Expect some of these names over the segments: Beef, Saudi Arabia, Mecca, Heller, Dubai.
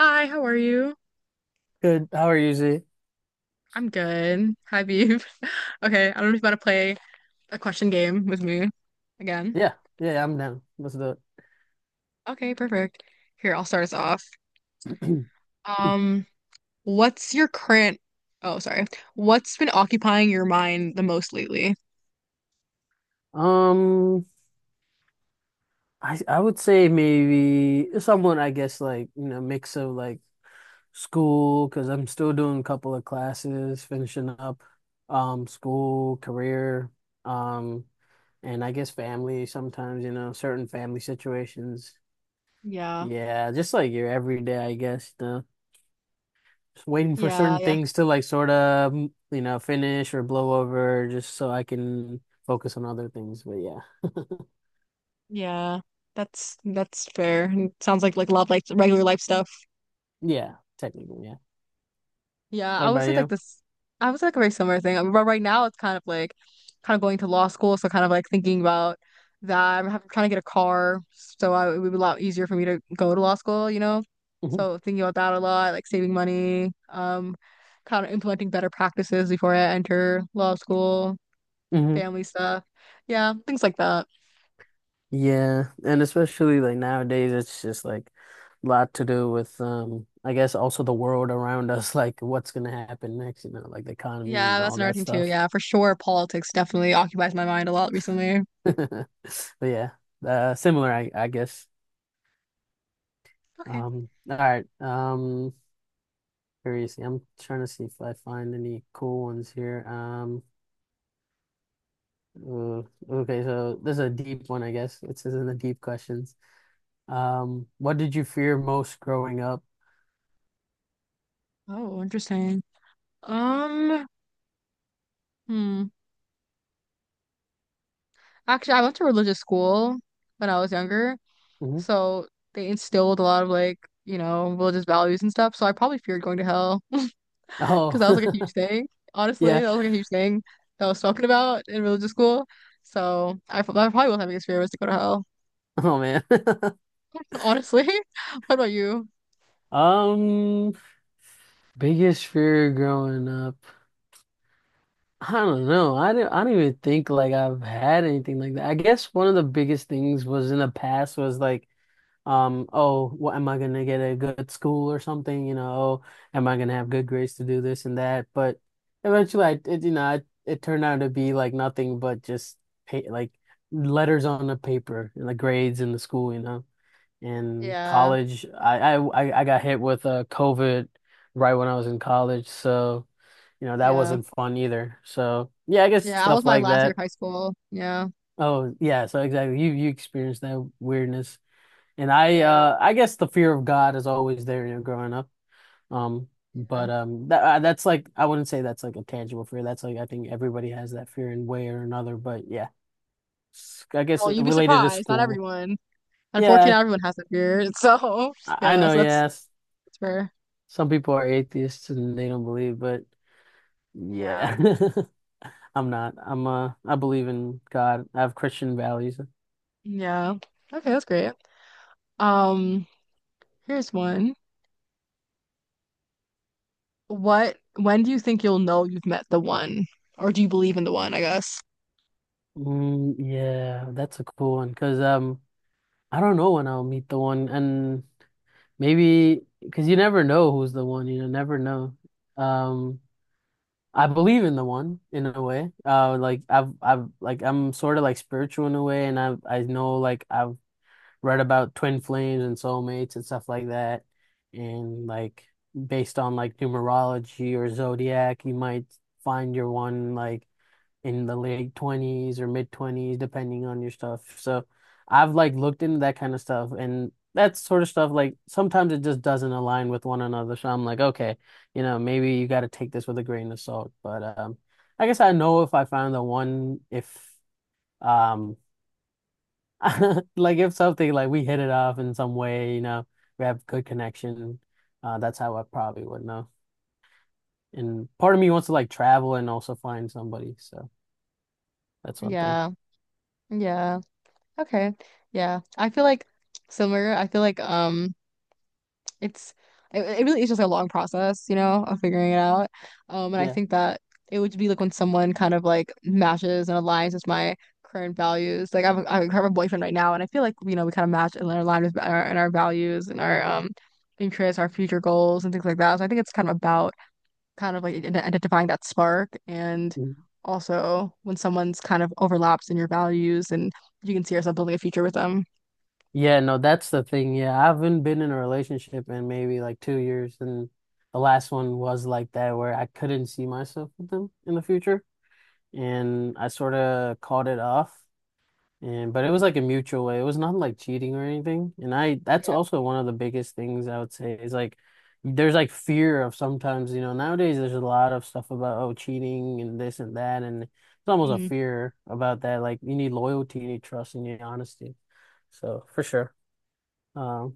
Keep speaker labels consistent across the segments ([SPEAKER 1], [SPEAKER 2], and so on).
[SPEAKER 1] Hi, how are you?
[SPEAKER 2] Good. How are you, Z?
[SPEAKER 1] I'm good. Hi, Beef. Okay, I don't know if you want to play a question game with me again.
[SPEAKER 2] Yeah, yeah, I'm down. Let's do
[SPEAKER 1] Okay, perfect. Here, I'll start us off.
[SPEAKER 2] it.
[SPEAKER 1] Um, what's your current, oh, sorry. What's been occupying your mind the most lately?
[SPEAKER 2] Um, I would say maybe someone I guess like you know mix of like school because I'm still doing a couple of classes, finishing up, school, career, um, and I guess family sometimes you know certain family situations.
[SPEAKER 1] Yeah,
[SPEAKER 2] Yeah, just like your everyday, I guess. Waiting for
[SPEAKER 1] yeah,
[SPEAKER 2] certain
[SPEAKER 1] yeah,
[SPEAKER 2] things to like sort of, you know, finish or blow over just so I can focus on other things. But yeah.
[SPEAKER 1] yeah. That's fair. It sounds like love, like regular life stuff.
[SPEAKER 2] Yeah, technically, yeah.
[SPEAKER 1] Yeah,
[SPEAKER 2] What
[SPEAKER 1] I would
[SPEAKER 2] about
[SPEAKER 1] say like
[SPEAKER 2] you?
[SPEAKER 1] this. I would say like a very similar thing. I mean, but right now, it's kind of like kind of going to law school, so kind of like thinking about that. Trying to get a car, so it would be a lot easier for me to go to law school.
[SPEAKER 2] Mhm.
[SPEAKER 1] So thinking about that a lot, like saving money, kind of implementing better practices before I enter law school,
[SPEAKER 2] Hmm.
[SPEAKER 1] family stuff, yeah, things like that.
[SPEAKER 2] Yeah, and especially like nowadays, it's just like a lot to do with I guess also the world around us, like what's gonna happen next, you know, like the economy
[SPEAKER 1] Yeah,
[SPEAKER 2] and
[SPEAKER 1] that's
[SPEAKER 2] all
[SPEAKER 1] another
[SPEAKER 2] that
[SPEAKER 1] thing too.
[SPEAKER 2] stuff.
[SPEAKER 1] Yeah, for sure, politics definitely occupies my mind a lot recently.
[SPEAKER 2] But yeah, similar, I guess.
[SPEAKER 1] Okay.
[SPEAKER 2] All right. Seriously, I'm trying to see if I find any cool ones here. Uh, okay, so this is a deep one, I guess. It says in the deep questions. What did you fear most growing up?
[SPEAKER 1] Oh, interesting. Um, hmm. Actually, I went to religious school when I was younger,
[SPEAKER 2] Hmm.
[SPEAKER 1] so they instilled a lot of like, you know, religious values and stuff. So I probably feared going to hell because
[SPEAKER 2] Oh,
[SPEAKER 1] that was like a huge thing. Honestly,
[SPEAKER 2] yeah.
[SPEAKER 1] that was like a huge thing that I was talking about in religious school. So I probably was having biggest fear was to go to hell.
[SPEAKER 2] Oh man.
[SPEAKER 1] Honestly, what about you?
[SPEAKER 2] Um, biggest fear growing up. I don't know. I don't even think like I've had anything like that. I guess one of the biggest things was in the past was like oh, what am I gonna get at a good school or something? You know, oh, am I gonna have good grades to do this and that? But eventually, you know, it turned out to be like nothing but just pay, like letters on the paper and the grades in the school, you know. In
[SPEAKER 1] Yeah,
[SPEAKER 2] college, I got hit with COVID right when I was in college, so you know that
[SPEAKER 1] yeah,
[SPEAKER 2] wasn't fun either. So yeah, I guess
[SPEAKER 1] yeah. I was
[SPEAKER 2] stuff
[SPEAKER 1] my
[SPEAKER 2] like
[SPEAKER 1] last year
[SPEAKER 2] that.
[SPEAKER 1] of high school. Yeah,
[SPEAKER 2] Oh yeah, so exactly, you experienced that weirdness. And
[SPEAKER 1] yeah,
[SPEAKER 2] I guess the fear of God is always there, you know, growing up. Um,
[SPEAKER 1] yeah.
[SPEAKER 2] but that that's like I wouldn't say that's like a tangible fear. That's like I think everybody has that fear in way or another. But yeah, S- I guess
[SPEAKER 1] Well, you'd be
[SPEAKER 2] related to
[SPEAKER 1] surprised. Not
[SPEAKER 2] school.
[SPEAKER 1] everyone. Unfortunately,
[SPEAKER 2] Yeah,
[SPEAKER 1] not everyone has that fear. So
[SPEAKER 2] I
[SPEAKER 1] yeah,
[SPEAKER 2] know.
[SPEAKER 1] so that's
[SPEAKER 2] Yes,
[SPEAKER 1] that's fair.
[SPEAKER 2] some people are atheists and they don't believe, but
[SPEAKER 1] Yeah.
[SPEAKER 2] yeah, I'm not. I'm. I believe in God. I have Christian values.
[SPEAKER 1] Yeah. Okay, that's great. Um, here's one. What, when do you think you'll know you've met the one? Or do you believe in the one, I guess?
[SPEAKER 2] Mm, yeah, that's a cool one because I don't know when I'll meet the one and. Maybe because you never know who's the one, you know, never know. Um, I believe in the one in a way. Like I've, like I'm sort of like spiritual in a way, and I've, I know like I've read about twin flames and soulmates and stuff like that, and like based on like numerology or zodiac, you might find your one like in the late 20s or mid 20s, depending on your stuff. So I've like looked into that kind of stuff and that sort of stuff, like sometimes it just doesn't align with one another. So I'm like, okay, you know, maybe you got to take this with a grain of salt. But I guess I know if I find the one, if um, like if something like we hit it off in some way, you know, we have good connection, that's how I probably would know. And part of me wants to like travel and also find somebody. So that's one thing.
[SPEAKER 1] Yeah. Yeah. Okay. Yeah. I feel like similar. I feel like it's it really is just a long process, you know, of figuring it out. And I
[SPEAKER 2] Yeah.
[SPEAKER 1] think that it would be like when someone kind of like matches and aligns with my current values. Like I have I have a boyfriend right now, and I feel like you know we kind of match and align with our values and our interests, our future goals, and things like that. So I think it's kind of about kind of like identifying that spark and
[SPEAKER 2] Mm-hmm.
[SPEAKER 1] also when someone's kind of overlaps in your values and you can see yourself building a future with them.
[SPEAKER 2] Yeah, no, that's the thing. Yeah, I haven't been in a relationship in maybe like 2 years, and the last one was like that, where I couldn't see myself with them in the future, and I sort of called it off. And but it
[SPEAKER 1] Mhm.
[SPEAKER 2] was like a mutual way. It was not like cheating or anything. And I, that's
[SPEAKER 1] Yeah.
[SPEAKER 2] also one of the biggest things I would say is like, there's like fear of sometimes, you know, nowadays there's a lot of stuff about oh cheating and this and that, and it's almost a
[SPEAKER 1] Mhm.
[SPEAKER 2] fear about that. Like you need loyalty, you need trust, and you need honesty. So for sure. Uh,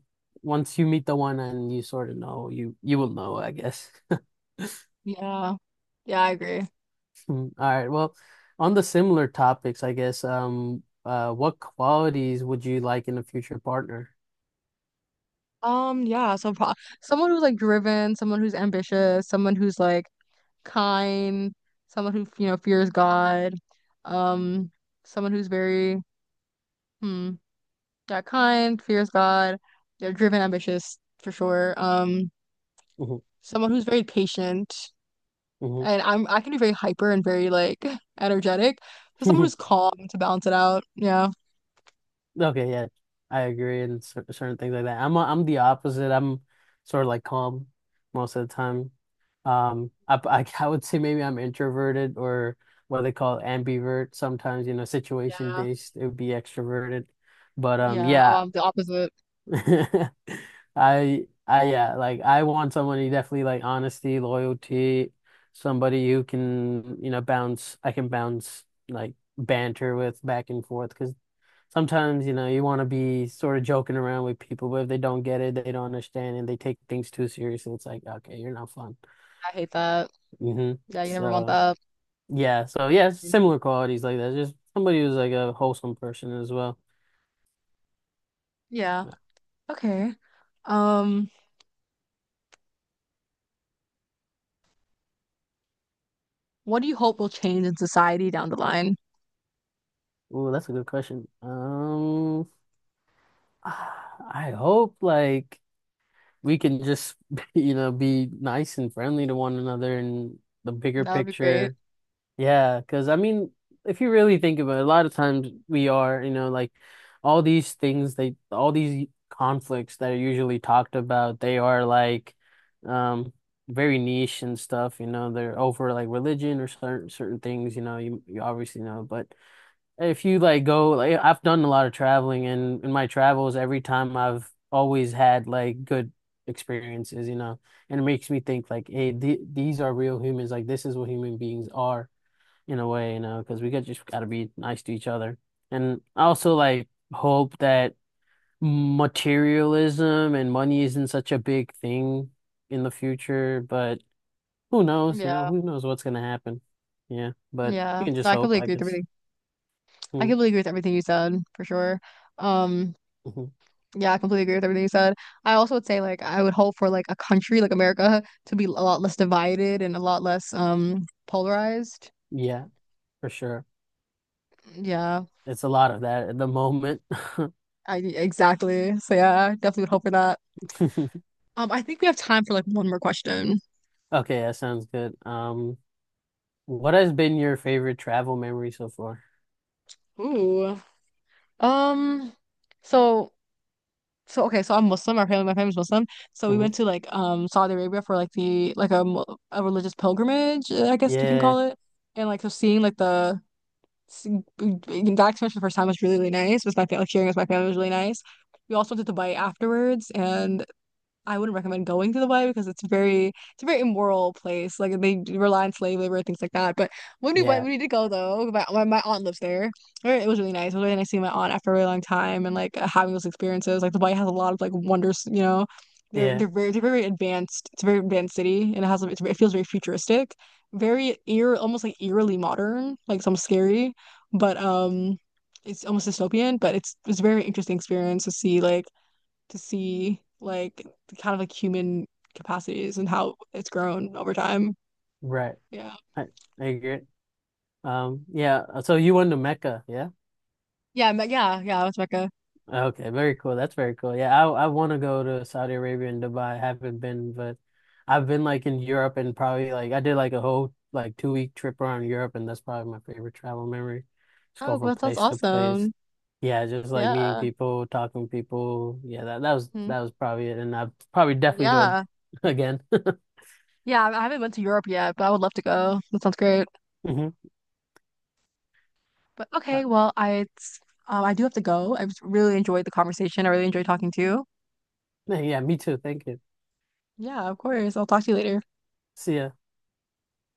[SPEAKER 2] once you meet the one and you sort of know, you will know, I guess.
[SPEAKER 1] Yeah. Yeah, I agree.
[SPEAKER 2] All right. Well, on the similar topics, I guess, what qualities would you like in a future partner?
[SPEAKER 1] Yeah, so pro someone who's like driven, someone who's ambitious, someone who's like kind, someone who, you know, fears God, um, someone who's very, hmm, yeah, kind, fears God, they're driven, ambitious for sure.
[SPEAKER 2] Hmm.
[SPEAKER 1] Someone who's very patient,
[SPEAKER 2] Hmm.
[SPEAKER 1] and I can be very hyper and very like energetic. So someone who's calm to balance it out. Yeah,
[SPEAKER 2] Okay, yeah, I agree in cer certain things like that. I'm the opposite. I'm sort of like calm most of the time. I I would say maybe I'm introverted or what they call ambivert. Sometimes, you know, situation
[SPEAKER 1] yeah,
[SPEAKER 2] based, it would be extroverted. But
[SPEAKER 1] yeah.
[SPEAKER 2] yeah,
[SPEAKER 1] The opposite.
[SPEAKER 2] I yeah, like I want someone who definitely like honesty, loyalty, somebody who can, you know, bounce I can bounce like banter with back and forth because sometimes, you know, you want to be sort of joking around with people, but if they don't get it, they don't understand and they take things too seriously, it's like, okay, you're not fun.
[SPEAKER 1] I hate that.
[SPEAKER 2] Hmm.
[SPEAKER 1] Yeah, you never want
[SPEAKER 2] So
[SPEAKER 1] that.
[SPEAKER 2] yeah, so yeah, similar qualities like that. Just somebody who's like a wholesome person as well.
[SPEAKER 1] Yeah. Okay. Um. What do you hope will change in society down the line?
[SPEAKER 2] Ooh, that's a good question. I hope like we can just you know be nice and friendly to one another in the bigger
[SPEAKER 1] That would be great.
[SPEAKER 2] picture. Yeah, because I mean, if you really think about it, a lot of times we are, you know, like all these things they all these conflicts that are usually talked about, they are like um very niche and stuff, you know, they're over like religion or certain things, you know, you obviously know, but if you like go, like I've done a lot of traveling, and in my travels, every time I've always had like good experiences, you know, and it makes me think like, hey, th these are real humans. Like this is what human beings are in a way, you know, because we got just got to be nice to each other. And I also like hope that materialism and money isn't such a big thing in the future, but who knows, you know,
[SPEAKER 1] Yeah.
[SPEAKER 2] who knows what's gonna happen? Yeah, but you
[SPEAKER 1] Yeah.
[SPEAKER 2] can just
[SPEAKER 1] No, I
[SPEAKER 2] hope,
[SPEAKER 1] completely
[SPEAKER 2] I
[SPEAKER 1] agree with
[SPEAKER 2] guess.
[SPEAKER 1] everything. I
[SPEAKER 2] Mm,
[SPEAKER 1] completely agree with everything you said, for sure. Um,
[SPEAKER 2] mhm.
[SPEAKER 1] yeah, I completely agree with everything you said. I also would say like I would hope for like a country like America to be a lot less divided and a lot less polarized.
[SPEAKER 2] Yeah. For sure.
[SPEAKER 1] Yeah.
[SPEAKER 2] It's a lot of that at the moment.
[SPEAKER 1] I exactly. So yeah, I definitely would hope for that. I think we have time for like one more question.
[SPEAKER 2] Okay, that sounds good. What has been your favorite travel memory so far?
[SPEAKER 1] Ooh. Um, so So okay, so I'm Muslim. Our family, my family's Muslim. So we
[SPEAKER 2] Hmm.
[SPEAKER 1] went to like Saudi Arabia for like the like a a religious pilgrimage, I guess you can
[SPEAKER 2] Yeah,
[SPEAKER 1] call it. And like so seeing seeing- that experience for the first time was really really nice. With my family, like sharing with my family was really nice. We also went to Dubai afterwards, and I wouldn't recommend going to the Y because it's a very immoral place. Like they do rely on slave labor and things like that. But when we went,
[SPEAKER 2] yeah,
[SPEAKER 1] we did go though. My aunt lives there. Or it was really nice. It was really nice seeing my aunt after a really long time and like having those experiences. Like the Y has a lot of like wonders. You know,
[SPEAKER 2] yeah,
[SPEAKER 1] they're very advanced. It's a very advanced city and it feels very futuristic, very eer almost like eerily modern, like some scary, but. It's almost dystopian, but it's a very interesting experience to see like the kind of like human capacities and how it's grown over time.
[SPEAKER 2] right.
[SPEAKER 1] Yeah.
[SPEAKER 2] I, I agree. Yeah, so you went to Mecca, yeah?
[SPEAKER 1] Yeah, with Mecca.
[SPEAKER 2] Okay, very cool. That's very cool. Yeah, I want to go to Saudi Arabia and Dubai. I haven't been, but I've been like in Europe and probably like I did like a whole like 2 week trip around Europe and that's probably my favorite travel memory. Just go
[SPEAKER 1] Oh,
[SPEAKER 2] from
[SPEAKER 1] well, that sounds
[SPEAKER 2] place to place.
[SPEAKER 1] awesome.
[SPEAKER 2] Yeah, just like meeting
[SPEAKER 1] Yeah.
[SPEAKER 2] people, talking to people. Yeah,
[SPEAKER 1] Hmm.
[SPEAKER 2] that was probably it. And I probably definitely do it
[SPEAKER 1] Yeah.
[SPEAKER 2] again.
[SPEAKER 1] Yeah, I haven't went to Europe yet, but I would love to go. That sounds great.
[SPEAKER 2] Hmm.
[SPEAKER 1] But okay, I do have to go. I just really enjoyed the conversation. I really enjoyed talking to you.
[SPEAKER 2] Yeah, me too. Thank you.
[SPEAKER 1] Yeah, of course. I'll talk to you later.
[SPEAKER 2] See ya.